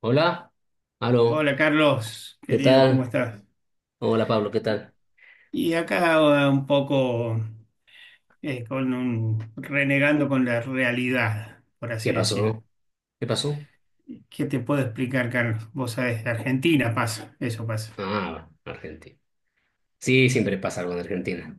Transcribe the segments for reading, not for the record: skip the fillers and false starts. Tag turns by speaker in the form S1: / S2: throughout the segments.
S1: Hola, aló,
S2: Hola Carlos,
S1: ¿qué
S2: querido, ¿cómo
S1: tal?
S2: estás?
S1: Hola Pablo, ¿qué tal?
S2: Y acá un poco con renegando con la realidad, por
S1: ¿Qué
S2: así decir.
S1: pasó? ¿Qué pasó?
S2: ¿Qué te puedo explicar, Carlos? Vos sabés, de Argentina pasa, eso pasa.
S1: Ah, Argentina. Sí, siempre pasa algo en Argentina.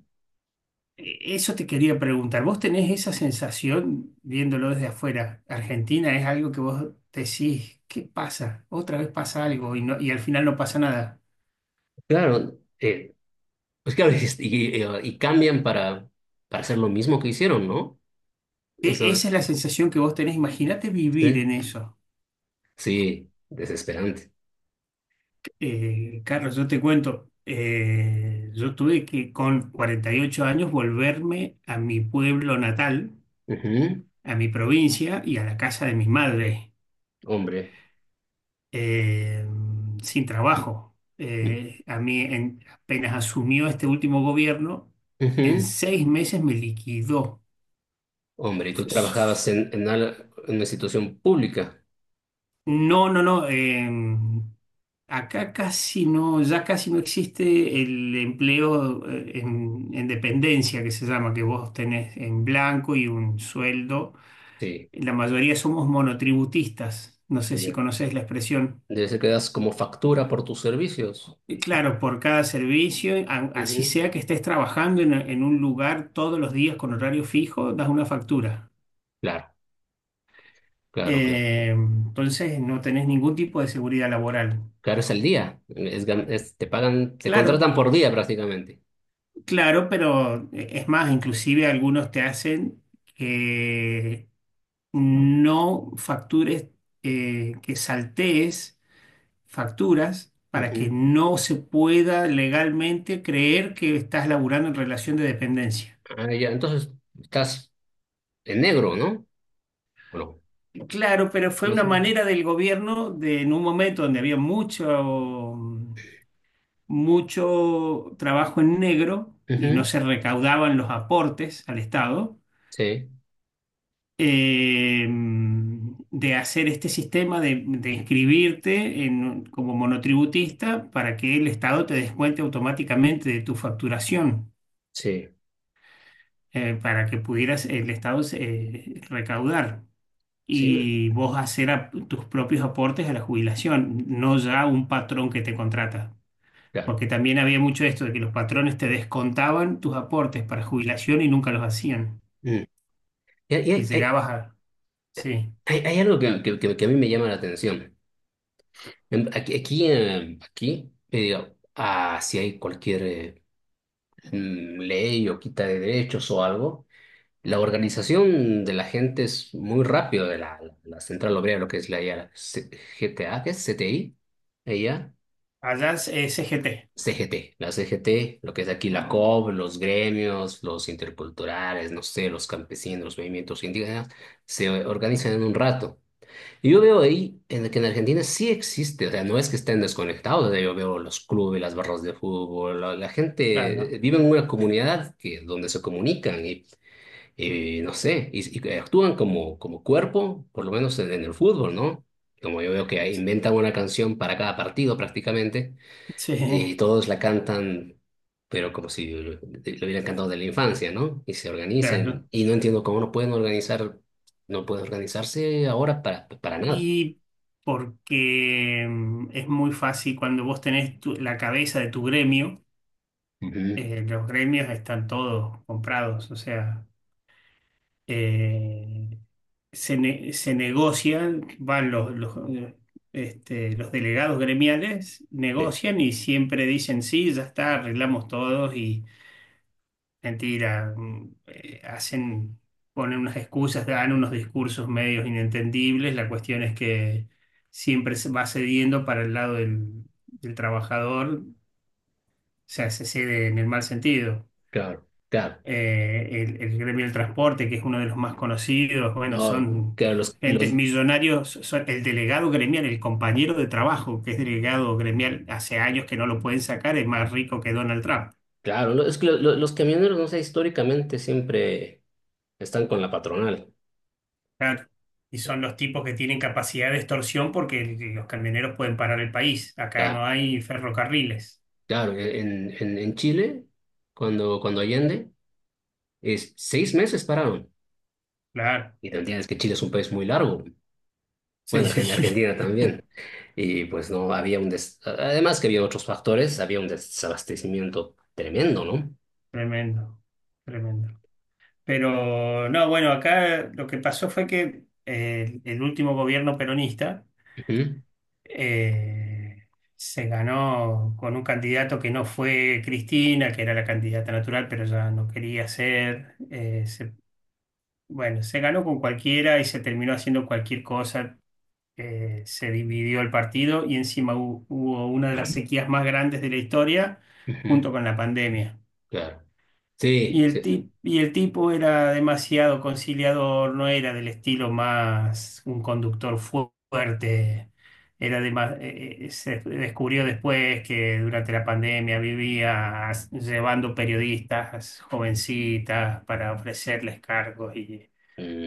S2: Eso te quería preguntar. ¿Vos tenés esa sensación viéndolo desde afuera? Argentina es algo que vos decís, ¿qué pasa? Otra vez pasa algo y al final no pasa nada.
S1: Claro, pues claro, y cambian para hacer lo mismo que hicieron, ¿no? Eso,
S2: Esa es la sensación que vos tenés. Imagínate vivir en
S1: sí,
S2: eso.
S1: sí, desesperante.
S2: Carlos, yo te cuento, yo tuve que con 48 años volverme a mi pueblo natal,
S1: Ujú.
S2: a mi provincia y a la casa de mis madres,
S1: Hombre.
S2: eh, sin trabajo. A mí apenas asumió este último gobierno, en
S1: Ujú.
S2: 6 meses me liquidó.
S1: Hombre, y tú trabajabas en una institución pública.
S2: No, no, no. Acá casi no, ya casi no existe el empleo en dependencia que se llama, que vos tenés en blanco y un sueldo.
S1: Sí,
S2: La mayoría somos monotributistas. No sé si
S1: ya.
S2: conocés la expresión.
S1: Debe ser que das como factura por tus servicios.
S2: Y claro, por cada servicio, así
S1: Ujú.
S2: sea que estés trabajando en un lugar todos los días con horario fijo, das una factura.
S1: Claro, claro, claro.
S2: Entonces no tenés ningún tipo de seguridad laboral.
S1: Claro, es al día. Te pagan, te
S2: Claro.
S1: contratan por día prácticamente.
S2: Claro, pero es más, inclusive algunos te hacen que no factures, que saltees facturas para que
S1: Ujú.
S2: no se pueda legalmente creer que estás laburando en relación de dependencia.
S1: Ah, ya, entonces estás en negro, ¿no? ¿O no?
S2: Claro, pero fue
S1: No
S2: una
S1: sé.
S2: manera del gobierno de, en un momento donde había mucho trabajo en negro y no
S1: Ujú.
S2: se recaudaban los aportes al Estado,
S1: Sí,
S2: eh, de hacer este sistema de inscribirte como monotributista para que el Estado te descuente automáticamente de tu facturación,
S1: sí,
S2: para que pudieras el Estado recaudar
S1: sí,
S2: y vos hacer tus propios aportes a la jubilación, no ya un patrón que te contrata.
S1: claro.
S2: Porque también había mucho esto de que los patrones te descontaban tus aportes para jubilación y nunca los hacían.
S1: Mm. Y
S2: Y llegabas a... Sí,
S1: hay algo que a mí me llama la atención. Aquí, aquí me digo, ah, si hay cualquier ley o quita de derechos o algo. La organización de la gente es muy rápido de la Central Obrera, lo que es la, ya GTA. ¿Qué es CTI? Ella,
S2: allá es CGT,
S1: CGT, la CGT, lo que es aquí la COB, los gremios, los interculturales, no sé, los campesinos, los movimientos indígenas, se organizan en un rato. Y yo veo ahí en, que en Argentina sí existe, o sea, no es que estén desconectados, o sea, yo veo los clubes, las barras de fútbol, la
S2: claro. ¿No?
S1: gente vive en una comunidad que, donde se comunican y no sé, y actúan como, como cuerpo, por lo menos en el fútbol, ¿no? Como yo veo que inventan una canción para cada partido prácticamente,
S2: Sí,
S1: y todos la cantan, pero como si lo hubieran cantado de la infancia, ¿no? Y se
S2: claro.
S1: organizan, y no entiendo cómo no pueden organizar, no pueden organizarse ahora para nada.
S2: Y porque es muy fácil cuando vos tenés la cabeza de tu gremio,
S1: Ujú.
S2: los gremios están todos comprados, o sea, eh, se negocian, van los delegados gremiales,
S1: Sí,
S2: negocian y siempre dicen, sí, ya está, arreglamos todos. Mentira, hacen, ponen unas excusas, dan unos discursos medios inentendibles. La cuestión es que siempre se va cediendo para el lado del, del trabajador, o sea, se cede en el mal sentido.
S1: claro, claro.
S2: El gremio del transporte, que es uno de los más conocidos, bueno,
S1: No,
S2: son
S1: claro,
S2: gentes millonarios, son el delegado gremial, el compañero de trabajo, que es delegado gremial hace años que no lo pueden sacar, es más rico que Donald Trump.
S1: claro, no, es que los camioneros, no sé, históricamente siempre están con la patronal.
S2: Claro. Y son los tipos que tienen capacidad de extorsión porque los camioneros pueden parar el país. Acá
S1: Ya.
S2: no hay ferrocarriles.
S1: Claro, en Chile, cuando Allende, es 6 meses pararon.
S2: Claro.
S1: Y te entiendes que Chile es un país muy largo.
S2: Sí,
S1: Bueno, Argentina
S2: sí.
S1: también. Y pues no había un des... Además que había otros factores, había un desabastecimiento tremendo, ¿no?
S2: Tremendo. Tremendo. Pero no, bueno, acá lo que pasó fue que el último gobierno peronista
S1: Ujú.
S2: eh, se ganó con un candidato que no fue Cristina, que era la candidata natural, pero ya no quería ser. Bueno, se ganó con cualquiera y se terminó haciendo cualquier cosa, se dividió el partido y encima hubo una de las sequías más grandes de la historia
S1: Ujú.
S2: junto con la pandemia.
S1: Claro. Sí, sí.
S2: Y el tipo era demasiado conciliador, no era del estilo más un conductor fuerte. Se descubrió después que durante la pandemia vivía llevando periodistas jovencitas para ofrecerles cargos,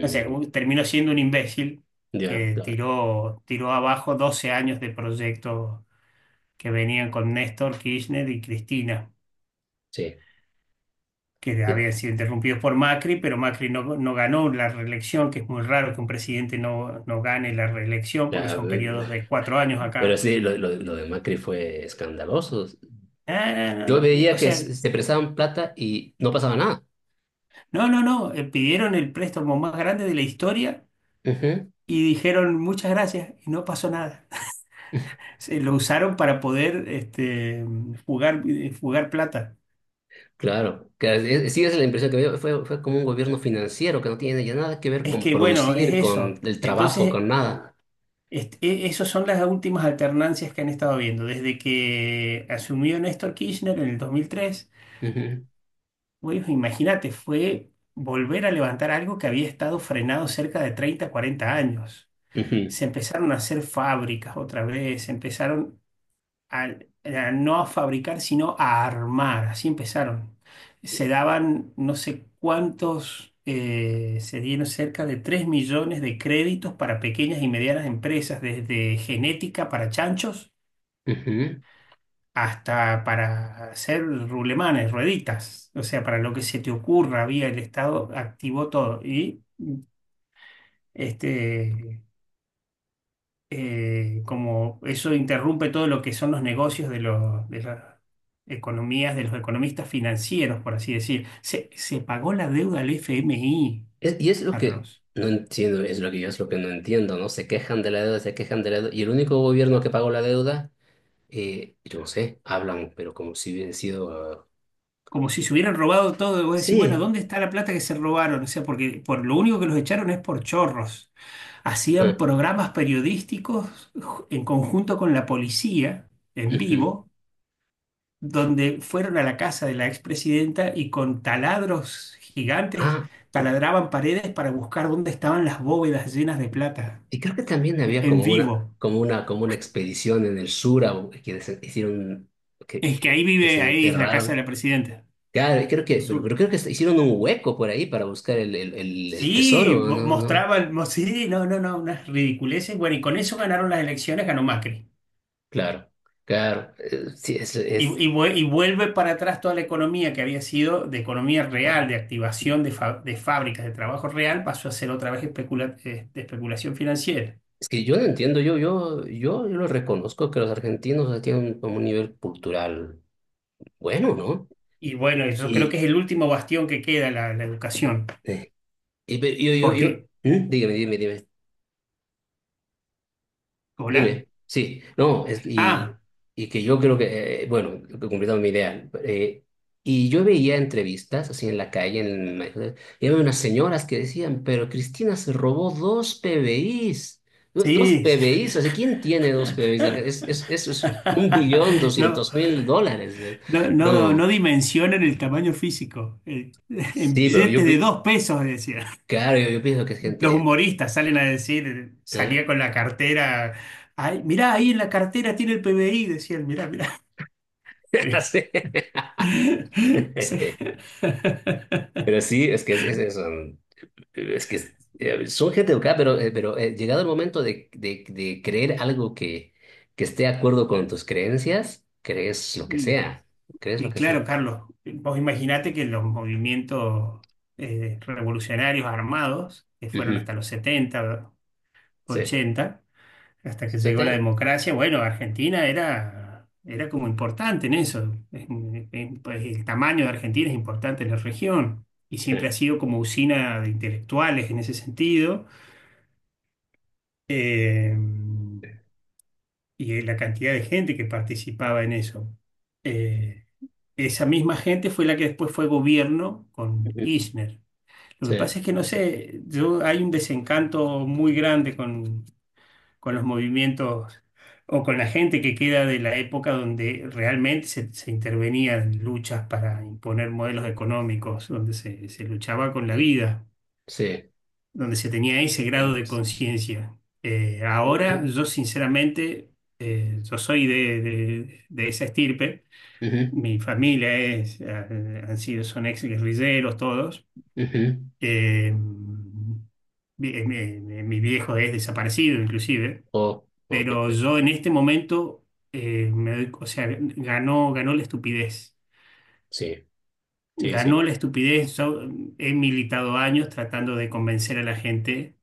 S2: no sé, terminó siendo un imbécil
S1: ya,
S2: que
S1: claro.
S2: tiró, tiró abajo 12 años de proyectos que venían con Néstor Kirchner y Cristina,
S1: Sí,
S2: que
S1: sí.
S2: habían sido interrumpidos por Macri, pero Macri no, no ganó la reelección, que es muy raro que un presidente no, no gane la reelección, porque
S1: Ya,
S2: son periodos de 4 años
S1: pero
S2: acá.
S1: sí, lo de Macri fue escandaloso.
S2: Ah, no, no,
S1: Yo
S2: no, no.
S1: veía
S2: O
S1: que
S2: sea,
S1: se prestaban plata y no pasaba nada.
S2: no, no, no, pidieron el préstamo más grande de la historia
S1: Ujú.
S2: y dijeron muchas gracias y no pasó nada. Se lo usaron para poder jugar, jugar plata.
S1: Claro, sí, esa es la impresión que me dio. Fue como un gobierno financiero que no tiene ya nada que ver
S2: Es
S1: con
S2: que, bueno, es
S1: producir, con
S2: eso.
S1: el trabajo,
S2: Entonces,
S1: con nada.
S2: esas son las últimas alternancias que han estado viendo. Desde que asumió Néstor Kirchner en el 2003,
S1: Ujú.
S2: bueno, imagínate, fue volver a levantar algo que había estado frenado cerca de 30, 40 años.
S1: Ujú.
S2: Se empezaron a hacer fábricas otra vez, se empezaron a, a no a fabricar, sino a armar. Así empezaron. Se daban no sé cuántos, se dieron cerca de 3 millones de créditos para pequeñas y medianas empresas, desde genética para chanchos
S1: Ujú.
S2: hasta para hacer rulemanes, rueditas. O sea, para lo que se te ocurra, había el Estado activó todo. Este. Como eso interrumpe todo lo que son los negocios de los, de las economías, de los economistas financieros, por así decir. Se pagó la deuda al FMI,
S1: Y es lo que
S2: Carlos.
S1: no entiendo, es lo que yo es lo que no entiendo, ¿no? Se quejan de la deuda, se quejan de la deuda. Y el único gobierno que pagó la deuda, yo no sé, hablan, pero como si hubiera sido... Ah.
S2: Como si se hubieran robado todo, y vos decís, bueno,
S1: Sí.
S2: ¿dónde está la plata que se robaron? O sea, porque por lo único que los echaron es por chorros. Hacían
S1: Ah.
S2: programas periodísticos en conjunto con la policía,
S1: Ah.
S2: en
S1: Ujú.
S2: vivo, donde fueron a la casa de la expresidenta y con taladros gigantes
S1: Ah.
S2: taladraban paredes para buscar dónde estaban las bóvedas llenas de plata,
S1: Y creo que también había
S2: en
S1: como una,
S2: vivo.
S1: como una expedición en el sur hicieron,
S2: Es que ahí
S1: que
S2: vive, ahí es la casa de
S1: desenterraron.
S2: la presidenta,
S1: Claro, creo
S2: el
S1: que,
S2: sur.
S1: pero creo que hicieron un hueco por ahí para buscar el
S2: Sí,
S1: tesoro, ¿no? No,
S2: mostraban, sí, no, no, no, unas ridiculeces. Bueno, y con eso ganaron las elecciones, ganó Macri.
S1: claro, claro. Sí,
S2: Y vuelve para atrás toda la economía que había sido de economía real, de activación de fábricas, de trabajo real, pasó a ser otra vez de especulación financiera.
S1: es que yo no entiendo, yo lo reconozco que los argentinos o tienen como un nivel cultural bueno, ¿no?
S2: Y bueno, eso creo
S1: Y,
S2: que es el último bastión que queda, la educación.
S1: eh, yo.
S2: Porque,
S1: ¿Mm? Dígame, dime, dime.
S2: ¿hola?
S1: Dime, sí, no,
S2: Ah,
S1: y que yo creo que, bueno, lo que completaba mi idea. Y yo veía entrevistas así en la calle, y había unas señoras que decían, pero Cristina se robó dos PBIs, dos
S2: sí.
S1: PBIs, o sea, ¿quién tiene dos PBIs de Eso es un billón
S2: No,
S1: doscientos mil dólares? ¿Eh?
S2: no, no,
S1: No,
S2: no dimensionan el tamaño físico. En
S1: sí, pero
S2: billetes de dos pesos, decía.
S1: claro, yo pienso que es
S2: Los
S1: gente.
S2: humoristas salen a decir,
S1: ¿Eh?
S2: salía con la cartera. Ay, mirá, ahí en la cartera tiene el PBI, decían, mirá, mirá.
S1: Así.
S2: Sí.
S1: Pero sí, es eso. Es que son gente educada, pero llegado el momento de creer algo que esté de acuerdo con tus creencias, crees lo que sea, crees lo
S2: Y
S1: que sea.
S2: claro, Carlos, vos imaginate que los movimientos revolucionarios armados, que fueron
S1: Ujú.
S2: hasta los setenta,
S1: Sí.
S2: ochenta, hasta que
S1: ¿Se
S2: llegó la
S1: te?
S2: democracia, bueno, Argentina era, era como importante en eso. Pues, el tamaño de Argentina es importante en la región y
S1: Sí.
S2: siempre ha sido como usina de intelectuales en ese sentido. Eh, y la cantidad de gente que participaba en eso. Eh, Esa misma gente fue la que después fue gobierno con
S1: Ujú.
S2: Kirchner. Lo que
S1: Sí.
S2: pasa es que no sé, yo, hay un desencanto muy grande con los movimientos o con la gente que queda de la época donde realmente se intervenía en luchas para imponer modelos económicos, donde se luchaba con la
S1: Sí.
S2: vida,
S1: Sí.
S2: donde se tenía ese grado de
S1: Tiempos.
S2: conciencia. Ahora
S1: Ujú.
S2: yo sinceramente, yo soy de esa estirpe.
S1: Ujú.
S2: Mi familia es, han sido, son ex guerrilleros todos.
S1: Ujú.
S2: Mi viejo es desaparecido inclusive,
S1: Oh. Oh, qué
S2: pero
S1: pe-.
S2: yo en este momento, me o sea, ganó, ganó la estupidez.
S1: Sí, sí,
S2: Ganó
S1: sí.
S2: la estupidez. Yo he militado años tratando de convencer a la gente,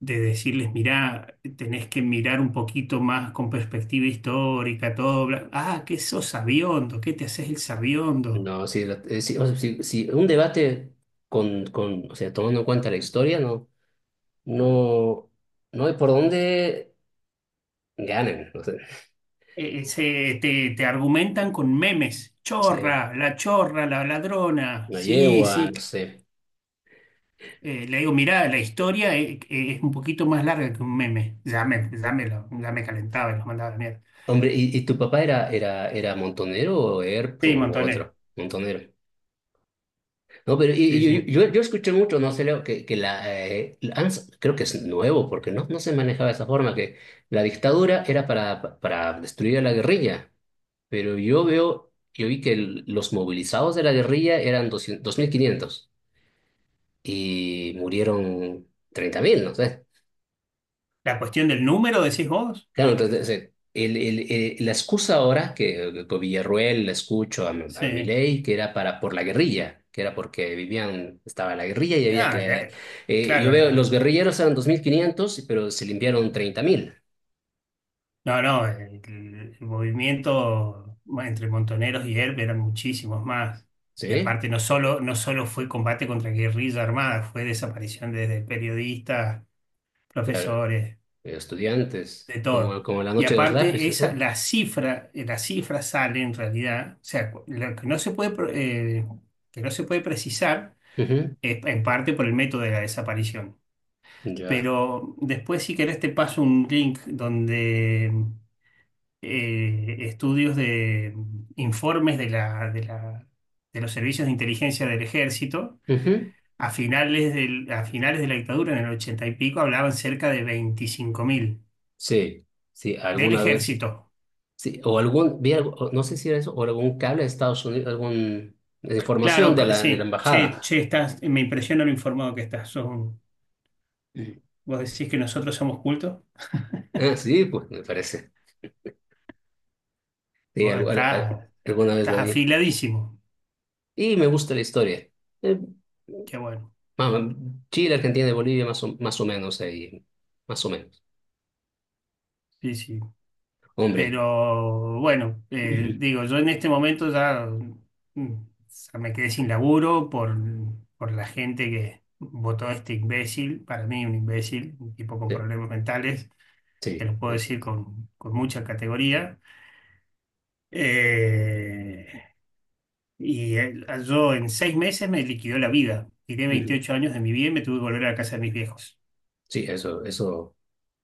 S2: de decirles, mirá, tenés que mirar un poquito más con perspectiva histórica, todo. Ah, que sos sabiondo, ¿qué te haces el sabiondo?
S1: No, sí, sí, o sea, sí, sí, un debate con, o sea, tomando en cuenta la historia, no, no, no hay por dónde. Ganan, no sé,
S2: Te argumentan con memes.
S1: no sé,
S2: Chorra, la ladrona.
S1: no
S2: Sí,
S1: yegua,
S2: sí.
S1: no sé.
S2: Le digo, mirá, la historia es, un poquito más larga que un meme. Ya me calentaba y los mandaba a la mierda.
S1: Hombre, y tu papá era, montonero o ERP
S2: Sí,
S1: o
S2: montonero.
S1: otro? Montonero. No, pero
S2: Sí,
S1: y
S2: sí.
S1: yo, yo escuché mucho, no sé, Leo, que la ANS, creo que es nuevo, porque no, no se manejaba de esa forma, que la dictadura era para destruir a la guerrilla, pero yo veo, yo vi que los movilizados de la guerrilla eran 202.500 y murieron 30.000, no sé.
S2: La cuestión del número, decís vos.
S1: Claro, entonces, la excusa ahora que con Villarruel la escucho a, a
S2: Sí.
S1: Milei, que era para por la guerrilla, que era porque vivían, estaba la guerrilla y había
S2: Ah,
S1: que
S2: ya,
S1: yo
S2: claro,
S1: veo los guerrilleros eran 2.500 pero se limpiaron 30.000.
S2: no, no, el movimiento bueno, entre Montoneros y ERP eran muchísimos más. Y
S1: ¿Sí?
S2: aparte no solo, no solo fue combate contra guerrilla armada, fue desaparición desde periodistas,
S1: Claro,
S2: profesores,
S1: estudiantes,
S2: de todo.
S1: como la
S2: Y
S1: noche de los
S2: aparte
S1: lápices,
S2: esa,
S1: ¿no?
S2: la cifra sale en realidad, o sea, lo que no se puede, que no se puede precisar
S1: Ujú.
S2: es en parte por el método de la desaparición.
S1: Ya.
S2: Pero después si querés te paso un link donde estudios de informes de los servicios de inteligencia del ejército.
S1: Ujú.
S2: A finales a finales de la dictadura, en el 80 y pico, hablaban cerca de 25.000
S1: Sí, sí,
S2: del
S1: alguna vez
S2: ejército.
S1: sí, o algún vi algo, o no sé si era eso o algún cable de Estados Unidos, algún información
S2: Claro, sí,
S1: de la
S2: che,
S1: embajada.
S2: che, estás, me impresiona lo informado que estás. Vos decís que nosotros somos cultos,
S1: Ah, sí, pues me parece. Sí,
S2: vos estás,
S1: alguna vez lo
S2: estás
S1: vi.
S2: afiladísimo.
S1: Y me gusta la historia. Eh,
S2: Qué bueno.
S1: vamos, Chile, Argentina y Bolivia, más o menos ahí. Más o menos.
S2: Sí, sí.
S1: Hombre.
S2: Pero bueno,
S1: Ujú.
S2: digo, yo en este momento ya, mm, ya me quedé sin laburo por la gente que votó a este imbécil, para mí un imbécil, un tipo con
S1: Sí,
S2: problemas mentales, que
S1: sí.
S2: lo puedo decir con mucha categoría. Eh, yo en 6 meses me liquidó la vida. Tiré
S1: Ujú.
S2: 28 años de mi vida y me tuve que volver a la casa de mis viejos.
S1: Sí, eso, eso.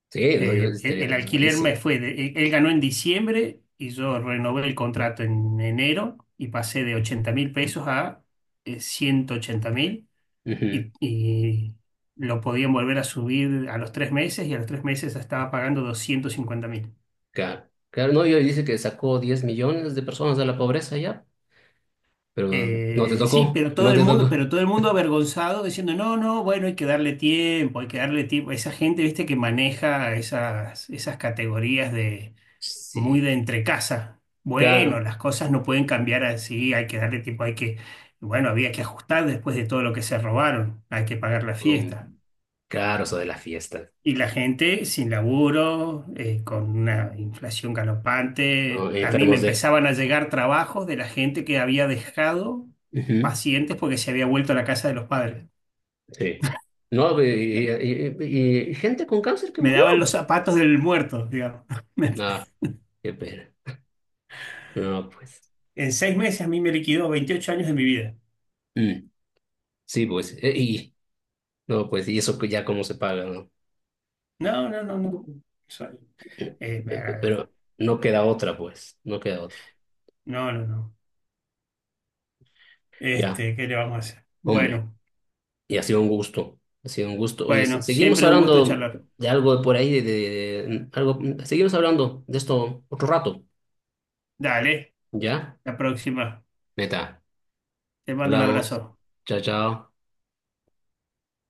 S1: Sí, no, yo estaría
S2: El alquiler me
S1: enojadísimo.
S2: fue, él ganó en diciembre y yo renové el contrato en enero y pasé de 80.000 pesos a 180.000
S1: Ujú.
S2: y lo podían volver a subir a los 3 meses y a los 3 meses estaba pagando 250.000.
S1: Claro. Claro, no, yo dice que sacó 10 millones de personas de la pobreza ya, pero no te
S2: Sí,
S1: tocó,
S2: pero todo
S1: no
S2: el
S1: te tocó.
S2: mundo, pero todo el mundo avergonzado diciendo, no, no, bueno, hay que darle tiempo, hay que darle tiempo. Esa gente, viste, que maneja esas, esas categorías muy
S1: Sí,
S2: de entre casa. Bueno,
S1: claro.
S2: las cosas no pueden cambiar así, hay que darle tiempo, hay que, bueno, había que ajustar después de todo lo que se robaron, hay que pagar la
S1: Um,
S2: fiesta.
S1: claro, eso de la fiesta.
S2: Y la gente sin laburo, con una inflación
S1: ¿No?
S2: galopante, a mí me
S1: Enfermos de...
S2: empezaban a llegar trabajos de la gente que había dejado
S1: Ujú.
S2: pacientes porque se había vuelto a la casa de los padres.
S1: Sí. No, y gente con cáncer que
S2: Me
S1: murió.
S2: daban los zapatos del muerto, digamos. Me-
S1: No, qué pena. No, pues.
S2: En seis meses a mí me liquidó 28 años de mi vida.
S1: Mm, sí, pues. Y, no, pues, y eso que ya cómo se paga, ¿no?
S2: No, no, no, no. Soy- me
S1: Pero no queda otra, pues. No queda otra.
S2: No, no, no.
S1: Ya,
S2: Este, ¿qué le vamos a hacer?
S1: hombre.
S2: Bueno,
S1: Y ha sido un gusto. Ha sido un gusto. Oye,
S2: bueno,
S1: seguimos
S2: siempre un gusto
S1: hablando
S2: charlar.
S1: de algo de por ahí, algo. Seguimos hablando de esto otro rato.
S2: Dale,
S1: ¿Ya?
S2: la próxima.
S1: Neta.
S2: Te mando un
S1: Hablamos.
S2: abrazo.
S1: Chao, chao.